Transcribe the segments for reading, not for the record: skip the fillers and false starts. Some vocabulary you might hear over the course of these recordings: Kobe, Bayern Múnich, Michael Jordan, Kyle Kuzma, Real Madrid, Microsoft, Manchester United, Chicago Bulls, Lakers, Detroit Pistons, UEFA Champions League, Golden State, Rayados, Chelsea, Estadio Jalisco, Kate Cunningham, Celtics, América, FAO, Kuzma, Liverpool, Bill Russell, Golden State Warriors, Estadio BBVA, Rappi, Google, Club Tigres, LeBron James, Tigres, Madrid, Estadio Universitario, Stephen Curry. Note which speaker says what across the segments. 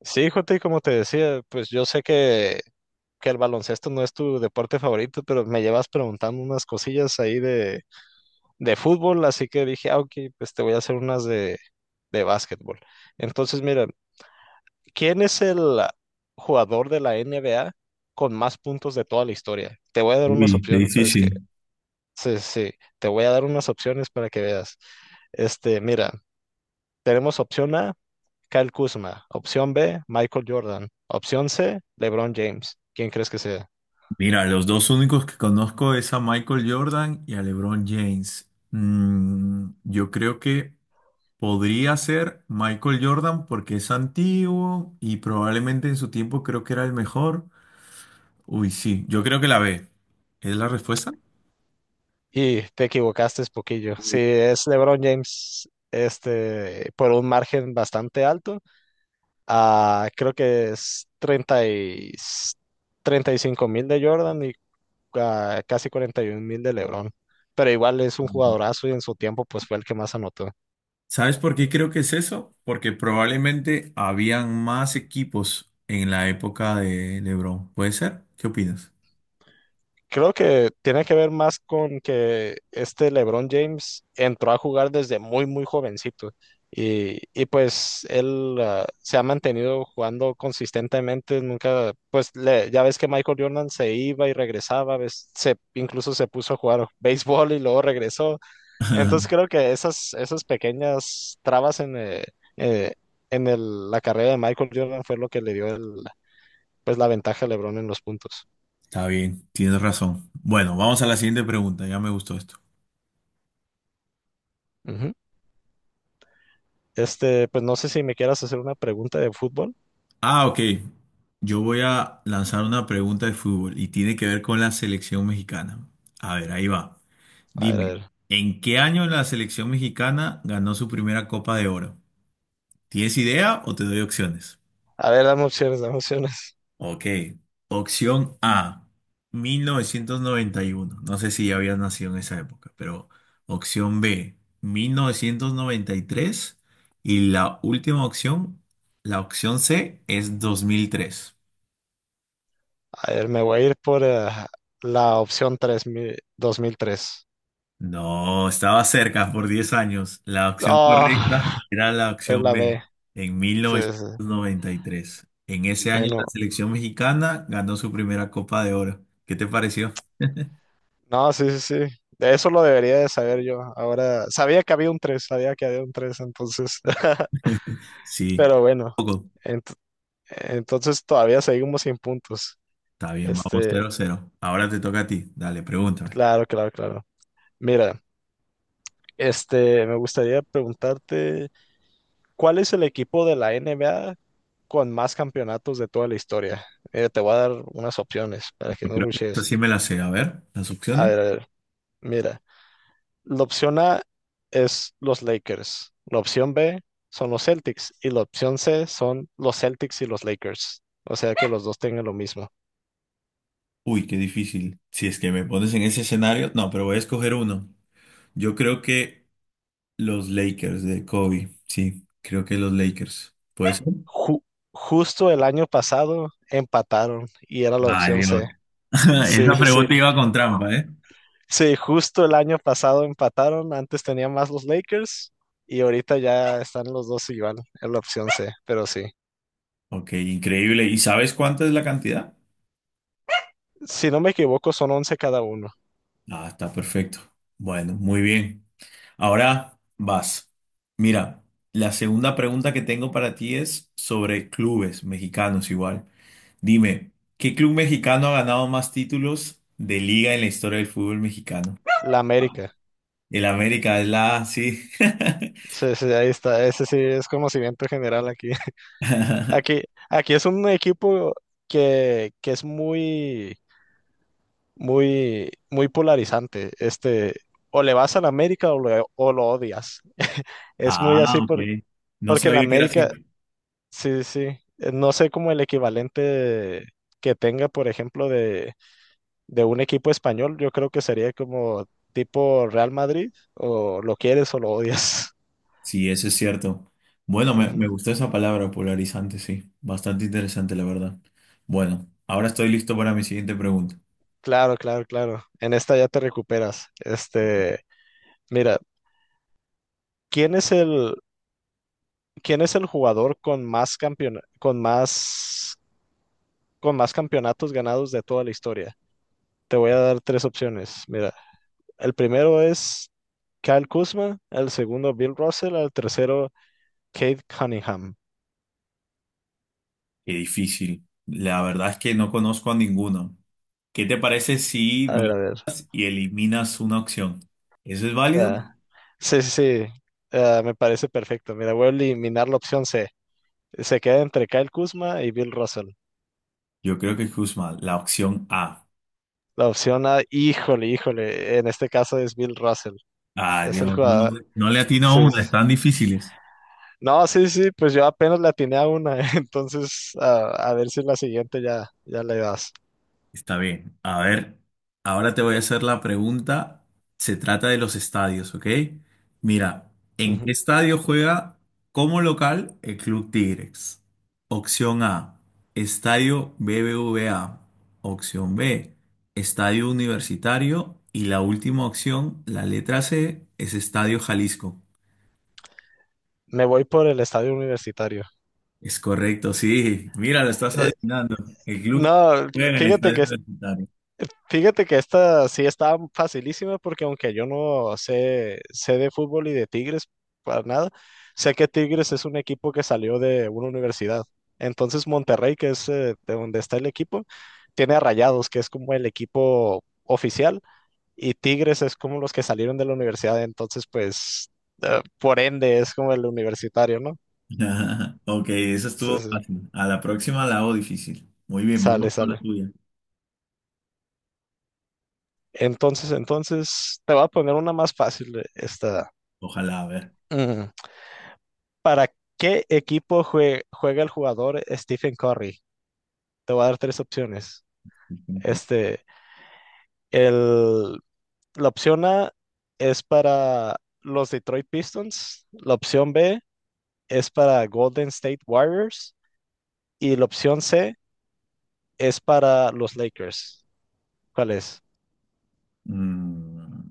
Speaker 1: Sí, Jota, y como te decía, pues yo sé que el baloncesto no es tu deporte favorito, pero me llevas preguntando unas cosillas ahí de fútbol, así que dije, ah, ok, pues te voy a hacer unas de básquetbol. Entonces, mira, ¿quién es el jugador de la NBA con más puntos de toda la historia? Te voy a dar unas
Speaker 2: Uy, qué
Speaker 1: opciones, pues que,
Speaker 2: difícil.
Speaker 1: sí, sí, te voy a dar unas opciones para que veas. Mira, tenemos opción A. Kyle Kuzma. Opción B, Michael Jordan. Opción C, LeBron James. ¿Quién crees que sea?
Speaker 2: Mira, los dos únicos que conozco es a Michael Jordan y a LeBron James. Mm, yo creo que podría ser Michael Jordan porque es antiguo y probablemente en su tiempo creo que era el mejor. Uy, sí, yo creo que la B. ¿Es la respuesta?
Speaker 1: Y te equivocaste es poquillo. Sí, es LeBron James, por un margen bastante alto. Ah, creo que es 35.000 de Jordan y casi 41 mil de LeBron. Pero igual es un jugadorazo y en su tiempo pues fue el que más anotó.
Speaker 2: ¿Sabes por qué creo que es eso? Porque probablemente habían más equipos en la época de LeBron. ¿Puede ser? ¿Qué opinas?
Speaker 1: Creo que tiene que ver más con que este LeBron James entró a jugar desde muy, muy jovencito y pues él se ha mantenido jugando consistentemente, nunca, pues le- ya ves que Michael Jordan se iba y regresaba, ves, se, incluso se puso a jugar béisbol y luego regresó. Entonces creo que esas, esas pequeñas trabas eh, en el- la carrera de Michael Jordan fue lo que le dio el, pues la ventaja a LeBron en los puntos.
Speaker 2: Está bien, tienes razón. Bueno, vamos a la siguiente pregunta, ya me gustó esto.
Speaker 1: Ujú. Pues no sé si me quieras hacer una pregunta de fútbol.
Speaker 2: Ah, ok. Yo voy a lanzar una pregunta de fútbol y tiene que ver con la selección mexicana. A ver, ahí va.
Speaker 1: A ver, a
Speaker 2: Dime,
Speaker 1: ver.
Speaker 2: ¿en qué año la selección mexicana ganó su primera Copa de Oro? ¿Tienes idea o te doy opciones?
Speaker 1: A ver, dame opciones, dame opciones.
Speaker 2: Ok. Opción A, 1991. No sé si ya había nacido en esa época, pero opción B, mil novecientos noventa y tres, y la última opción, la opción C, es 2003.
Speaker 1: A ver, me voy a ir por la opción tres mi- 2003.
Speaker 2: No, estaba cerca por 10 años. La opción
Speaker 1: Ah,
Speaker 2: correcta era la
Speaker 1: es
Speaker 2: opción
Speaker 1: la
Speaker 2: B,
Speaker 1: B.
Speaker 2: en mil
Speaker 1: Sí,
Speaker 2: novecientos
Speaker 1: sí.
Speaker 2: noventa y tres. En ese año
Speaker 1: Bueno,
Speaker 2: la selección mexicana ganó su primera Copa de Oro. ¿Qué te pareció?
Speaker 1: no, sí, sí, sí. De eso lo debería de saber yo. Ahora, sabía que había un 3 entonces.
Speaker 2: Sí,
Speaker 1: Pero bueno,
Speaker 2: poco.
Speaker 1: ent- entonces todavía seguimos sin puntos.
Speaker 2: Está bien, vamos
Speaker 1: Este,
Speaker 2: cero cero. Ahora te toca a ti. Dale, pregúntame.
Speaker 1: claro, claro, claro. Mira, me gustaría preguntarte. ¿Cuál es el equipo de la NBA con más campeonatos de toda la historia? Te voy a dar unas opciones para
Speaker 2: Yo
Speaker 1: que no
Speaker 2: creo que esta
Speaker 1: ruches.
Speaker 2: sí me la sé. A ver, las opciones.
Speaker 1: A ver, mira, la opción A es los Lakers, la opción B son los Celtics y la opción C son los Celtics y los Lakers. O sea que los dos tengan lo mismo.
Speaker 2: Uy, qué difícil. Si es que me pones en ese escenario. No, pero voy a escoger uno. Yo creo que los Lakers de Kobe. Sí, creo que los Lakers. ¿Puede ser?
Speaker 1: Ju- justo el año pasado empataron y era la
Speaker 2: Ay,
Speaker 1: opción
Speaker 2: Dios.
Speaker 1: C. Sí,
Speaker 2: Esa
Speaker 1: sí, sí.
Speaker 2: pregunta iba con trampa, ¿eh?
Speaker 1: Sí, justo el año pasado empataron, antes tenían más los Lakers y ahorita ya están los dos igual en la opción C, pero sí.
Speaker 2: Ok, increíble. ¿Y sabes cuánta es la cantidad?
Speaker 1: Si no me equivoco, son 11 cada uno.
Speaker 2: Ah, está perfecto. Bueno, muy bien. Ahora vas. Mira, la segunda pregunta que tengo para ti es sobre clubes mexicanos igual. Dime, ¿qué club mexicano ha ganado más títulos de liga en la historia del fútbol mexicano?
Speaker 1: La América.
Speaker 2: El América es la, sí.
Speaker 1: Sí, sí, ahí está. Ese sí es conocimiento general aquí. Aquí, aquí es un equipo que es muy, muy, muy polarizante. O le vas a la América o lo odias. Es muy
Speaker 2: Ah,
Speaker 1: así
Speaker 2: ok. No
Speaker 1: porque la
Speaker 2: sabía que era así.
Speaker 1: América, sí, sí. No sé cómo el equivalente de- que tenga, por ejemplo, de un equipo español. Yo creo que sería como tipo Real Madrid, o lo quieres o lo odias.
Speaker 2: Sí, eso es cierto. Bueno, me
Speaker 1: Ujú.
Speaker 2: gustó esa palabra, polarizante, sí. Bastante interesante, la verdad. Bueno, ahora estoy listo para mi siguiente pregunta.
Speaker 1: Claro, claro, claro. En esta ya te recuperas. Mira, ¿quién es el, quién es el jugador con más con más, con más campeonatos ganados de toda la historia? Te voy a dar tres opciones. Mira, el primero es Kyle Kuzma, el segundo Bill Russell, el tercero Kate Cunningham.
Speaker 2: Qué difícil. La verdad es que no conozco a ninguno. ¿Qué te parece si
Speaker 1: A ver,
Speaker 2: vas
Speaker 1: a ver.
Speaker 2: y eliminas una opción? ¿Eso es válido?
Speaker 1: ah, Sí, sí, sí. Ah, me parece perfecto. Mira, voy a eliminar la opción C. Se queda entre Kyle Kuzma y Bill Russell.
Speaker 2: Yo creo que es Kuzma, la opción A.
Speaker 1: La opción A, híjole, híjole. En este caso es Bill Russell.
Speaker 2: Ah,
Speaker 1: Es el
Speaker 2: Dios, no,
Speaker 1: jugador.
Speaker 2: no le atino a
Speaker 1: Sí,
Speaker 2: una,
Speaker 1: sí, sí.
Speaker 2: están difíciles.
Speaker 1: No, sí, sí, pues yo apenas le atiné a una. Entonces, a ver si la siguiente ya, ya le das.
Speaker 2: Está bien. A ver, ahora te voy a hacer la pregunta. Se trata de los estadios, ¿ok? Mira, ¿en qué
Speaker 1: Ujú.
Speaker 2: estadio juega como local el Club Tigres? Opción A, Estadio BBVA. Opción B, Estadio Universitario. Y la última opción, la letra C, es Estadio Jalisco.
Speaker 1: Me voy por el estadio universitario.
Speaker 2: Es correcto, sí. Mira, lo estás
Speaker 1: Eh,
Speaker 2: adivinando. El club
Speaker 1: no,
Speaker 2: juega en el
Speaker 1: fíjate
Speaker 2: Estadio
Speaker 1: que
Speaker 2: Universitario.
Speaker 1: fíjate que esta sí está facilísima porque aunque yo no sé, sé de fútbol y de Tigres para nada, sé que Tigres es un equipo que salió de una universidad. Entonces Monterrey, que es de donde está el equipo, tiene a Rayados, que es como el equipo oficial, y Tigres es como los que salieron de la universidad. Entonces, pues, por ende, es como el universitario, ¿no?
Speaker 2: Ok, eso
Speaker 1: Sí,
Speaker 2: estuvo
Speaker 1: sí, sí.
Speaker 2: fácil. A la próxima la hago difícil. Muy bien,
Speaker 1: Sale,
Speaker 2: vamos con la
Speaker 1: sale.
Speaker 2: tuya.
Speaker 1: Entonces, te voy a poner una más fácil, esta.
Speaker 2: Ojalá, a ver.
Speaker 1: Ujú. ¿Para qué equipo juega el jugador Stephen Curry? Te voy a dar tres opciones. Este, el, la opción A es para los Detroit Pistons, la opción B es para Golden State Warriors y la opción C es para los Lakers. ¿Cuál es?
Speaker 2: Mm,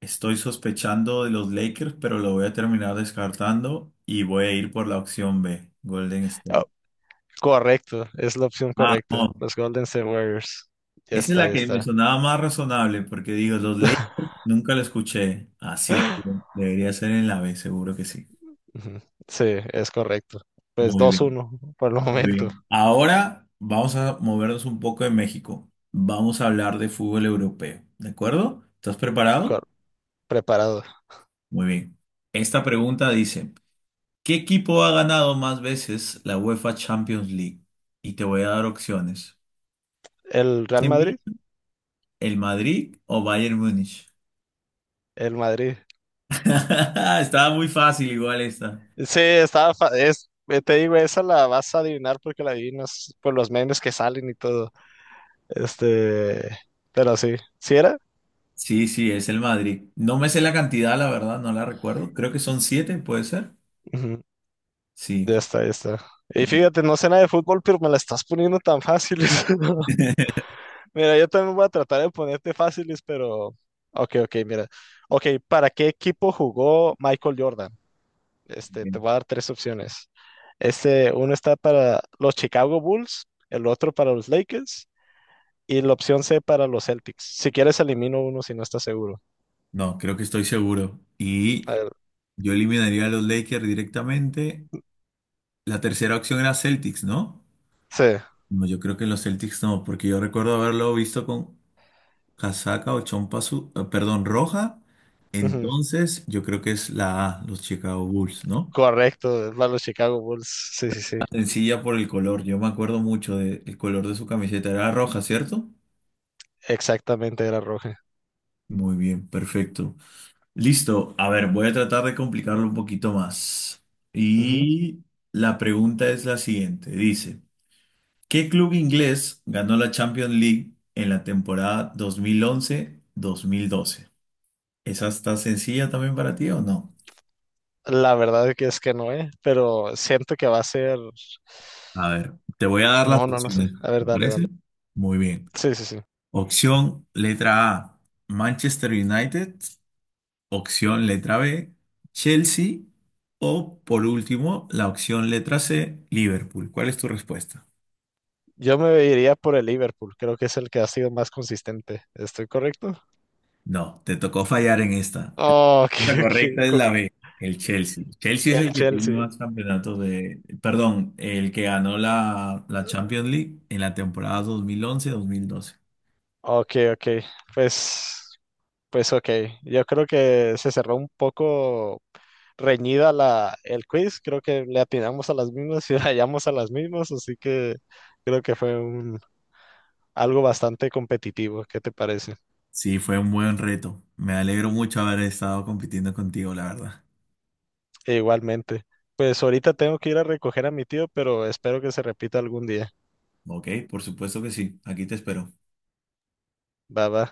Speaker 2: estoy sospechando de los Lakers, pero lo voy a terminar descartando y voy a ir por la opción B, Golden State.
Speaker 1: Oh, correcto, es la opción
Speaker 2: Ah,
Speaker 1: correcta,
Speaker 2: no.
Speaker 1: los Golden State Warriors. Ya
Speaker 2: Esa es
Speaker 1: está,
Speaker 2: la
Speaker 1: ya
Speaker 2: que me
Speaker 1: está.
Speaker 2: sonaba más razonable porque digo, los Lakers nunca lo escuché. Así que debería ser en la B, seguro que sí.
Speaker 1: Ujú, sí, es correcto. Pues
Speaker 2: Muy
Speaker 1: dos
Speaker 2: bien.
Speaker 1: uno por el
Speaker 2: Muy
Speaker 1: momento.
Speaker 2: bien. Ahora vamos a movernos un poco de México. Vamos a hablar de fútbol europeo, ¿de acuerdo? ¿Estás preparado?
Speaker 1: Cor- preparado.
Speaker 2: Muy bien. Esta pregunta dice, ¿qué equipo ha ganado más veces la UEFA Champions League? Y te voy a dar opciones.
Speaker 1: El Real
Speaker 2: ¿De mí?
Speaker 1: Madrid,
Speaker 2: ¿El Madrid o Bayern Múnich?
Speaker 1: el Madrid.
Speaker 2: Estaba muy fácil igual esta.
Speaker 1: Sí, estaba, te digo, esa la vas a adivinar porque la adivinas por los memes que salen y todo. Este, pero sí, ¿sí era?
Speaker 2: Sí, sí, es el Madrid. No me sé la cantidad, la verdad, no la recuerdo. Creo que son siete, ¿puede ser?
Speaker 1: Ujú,
Speaker 2: Sí.
Speaker 1: ya está, ya está. Y fíjate, no sé nada de fútbol, pero me la estás poniendo tan fáciles. Mira, yo también voy a tratar de ponerte fáciles, pero... Ok, ok, mira. Ok, ¿para qué equipo jugó Michael Jordan? Te voy a dar tres opciones. Uno está para los Chicago Bulls, el otro para los Lakers y la opción C para los Celtics. Si quieres, elimino uno si no estás seguro.
Speaker 2: No, creo que estoy seguro. Y
Speaker 1: A ver,
Speaker 2: yo eliminaría a los Lakers directamente. La tercera opción era Celtics, ¿no?
Speaker 1: sí,
Speaker 2: No, yo creo que los Celtics no, porque yo recuerdo haberlo visto con casaca o chompa, perdón, roja.
Speaker 1: ujú,
Speaker 2: Entonces, yo creo que es la A, los Chicago Bulls, ¿no?
Speaker 1: correcto, es para los Chicago Bulls. Sí, sí, sí,
Speaker 2: Sencilla por el color, yo me acuerdo mucho del color de su camiseta, era roja, ¿cierto?
Speaker 1: exactamente era roja.
Speaker 2: Muy bien, perfecto. Listo, a ver, voy a tratar de complicarlo un poquito más.
Speaker 1: Ujú.
Speaker 2: Y la pregunta es la siguiente, dice. ¿Qué club inglés ganó la Champions League en la temporada dos mil once mil doce? ¿Esa está sencilla también para ti o no?
Speaker 1: La verdad es que no es, pero siento que va a ser.
Speaker 2: A ver, te voy a dar las
Speaker 1: No, no, no sé.
Speaker 2: opciones,
Speaker 1: A
Speaker 2: ¿te
Speaker 1: ver, dale, dale.
Speaker 2: parece? Muy bien.
Speaker 1: Sí, sí, sí.
Speaker 2: Opción letra A, Manchester United. Opción letra B, Chelsea. O por último, la opción letra C, Liverpool. ¿Cuál es tu respuesta?
Speaker 1: Yo me iría por el Liverpool, creo que es el que ha sido más consistente. ¿Estoy correcto?
Speaker 2: No, te tocó fallar en esta.
Speaker 1: Oh, ok,
Speaker 2: La correcta es
Speaker 1: ok.
Speaker 2: la B, el Chelsea. Chelsea es
Speaker 1: El
Speaker 2: el que tiene
Speaker 1: Chelsea.
Speaker 2: más campeonatos de... Perdón, el que ganó la Champions League en la temporada 2011-2012.
Speaker 1: Ok, ok. Pues, pues ok. Yo creo que se cerró un poco reñida la, el quiz. Creo que le atinamos a las mismas y hallamos a las mismas. Así que creo que fue un, algo bastante competitivo. ¿Qué te parece?
Speaker 2: Sí, fue un buen reto. Me alegro mucho haber estado compitiendo contigo, la verdad.
Speaker 1: E igualmente. Pues ahorita tengo que ir a recoger a mi tío, pero espero que se repita algún día.
Speaker 2: Ok, por supuesto que sí. Aquí te espero.
Speaker 1: Va, va.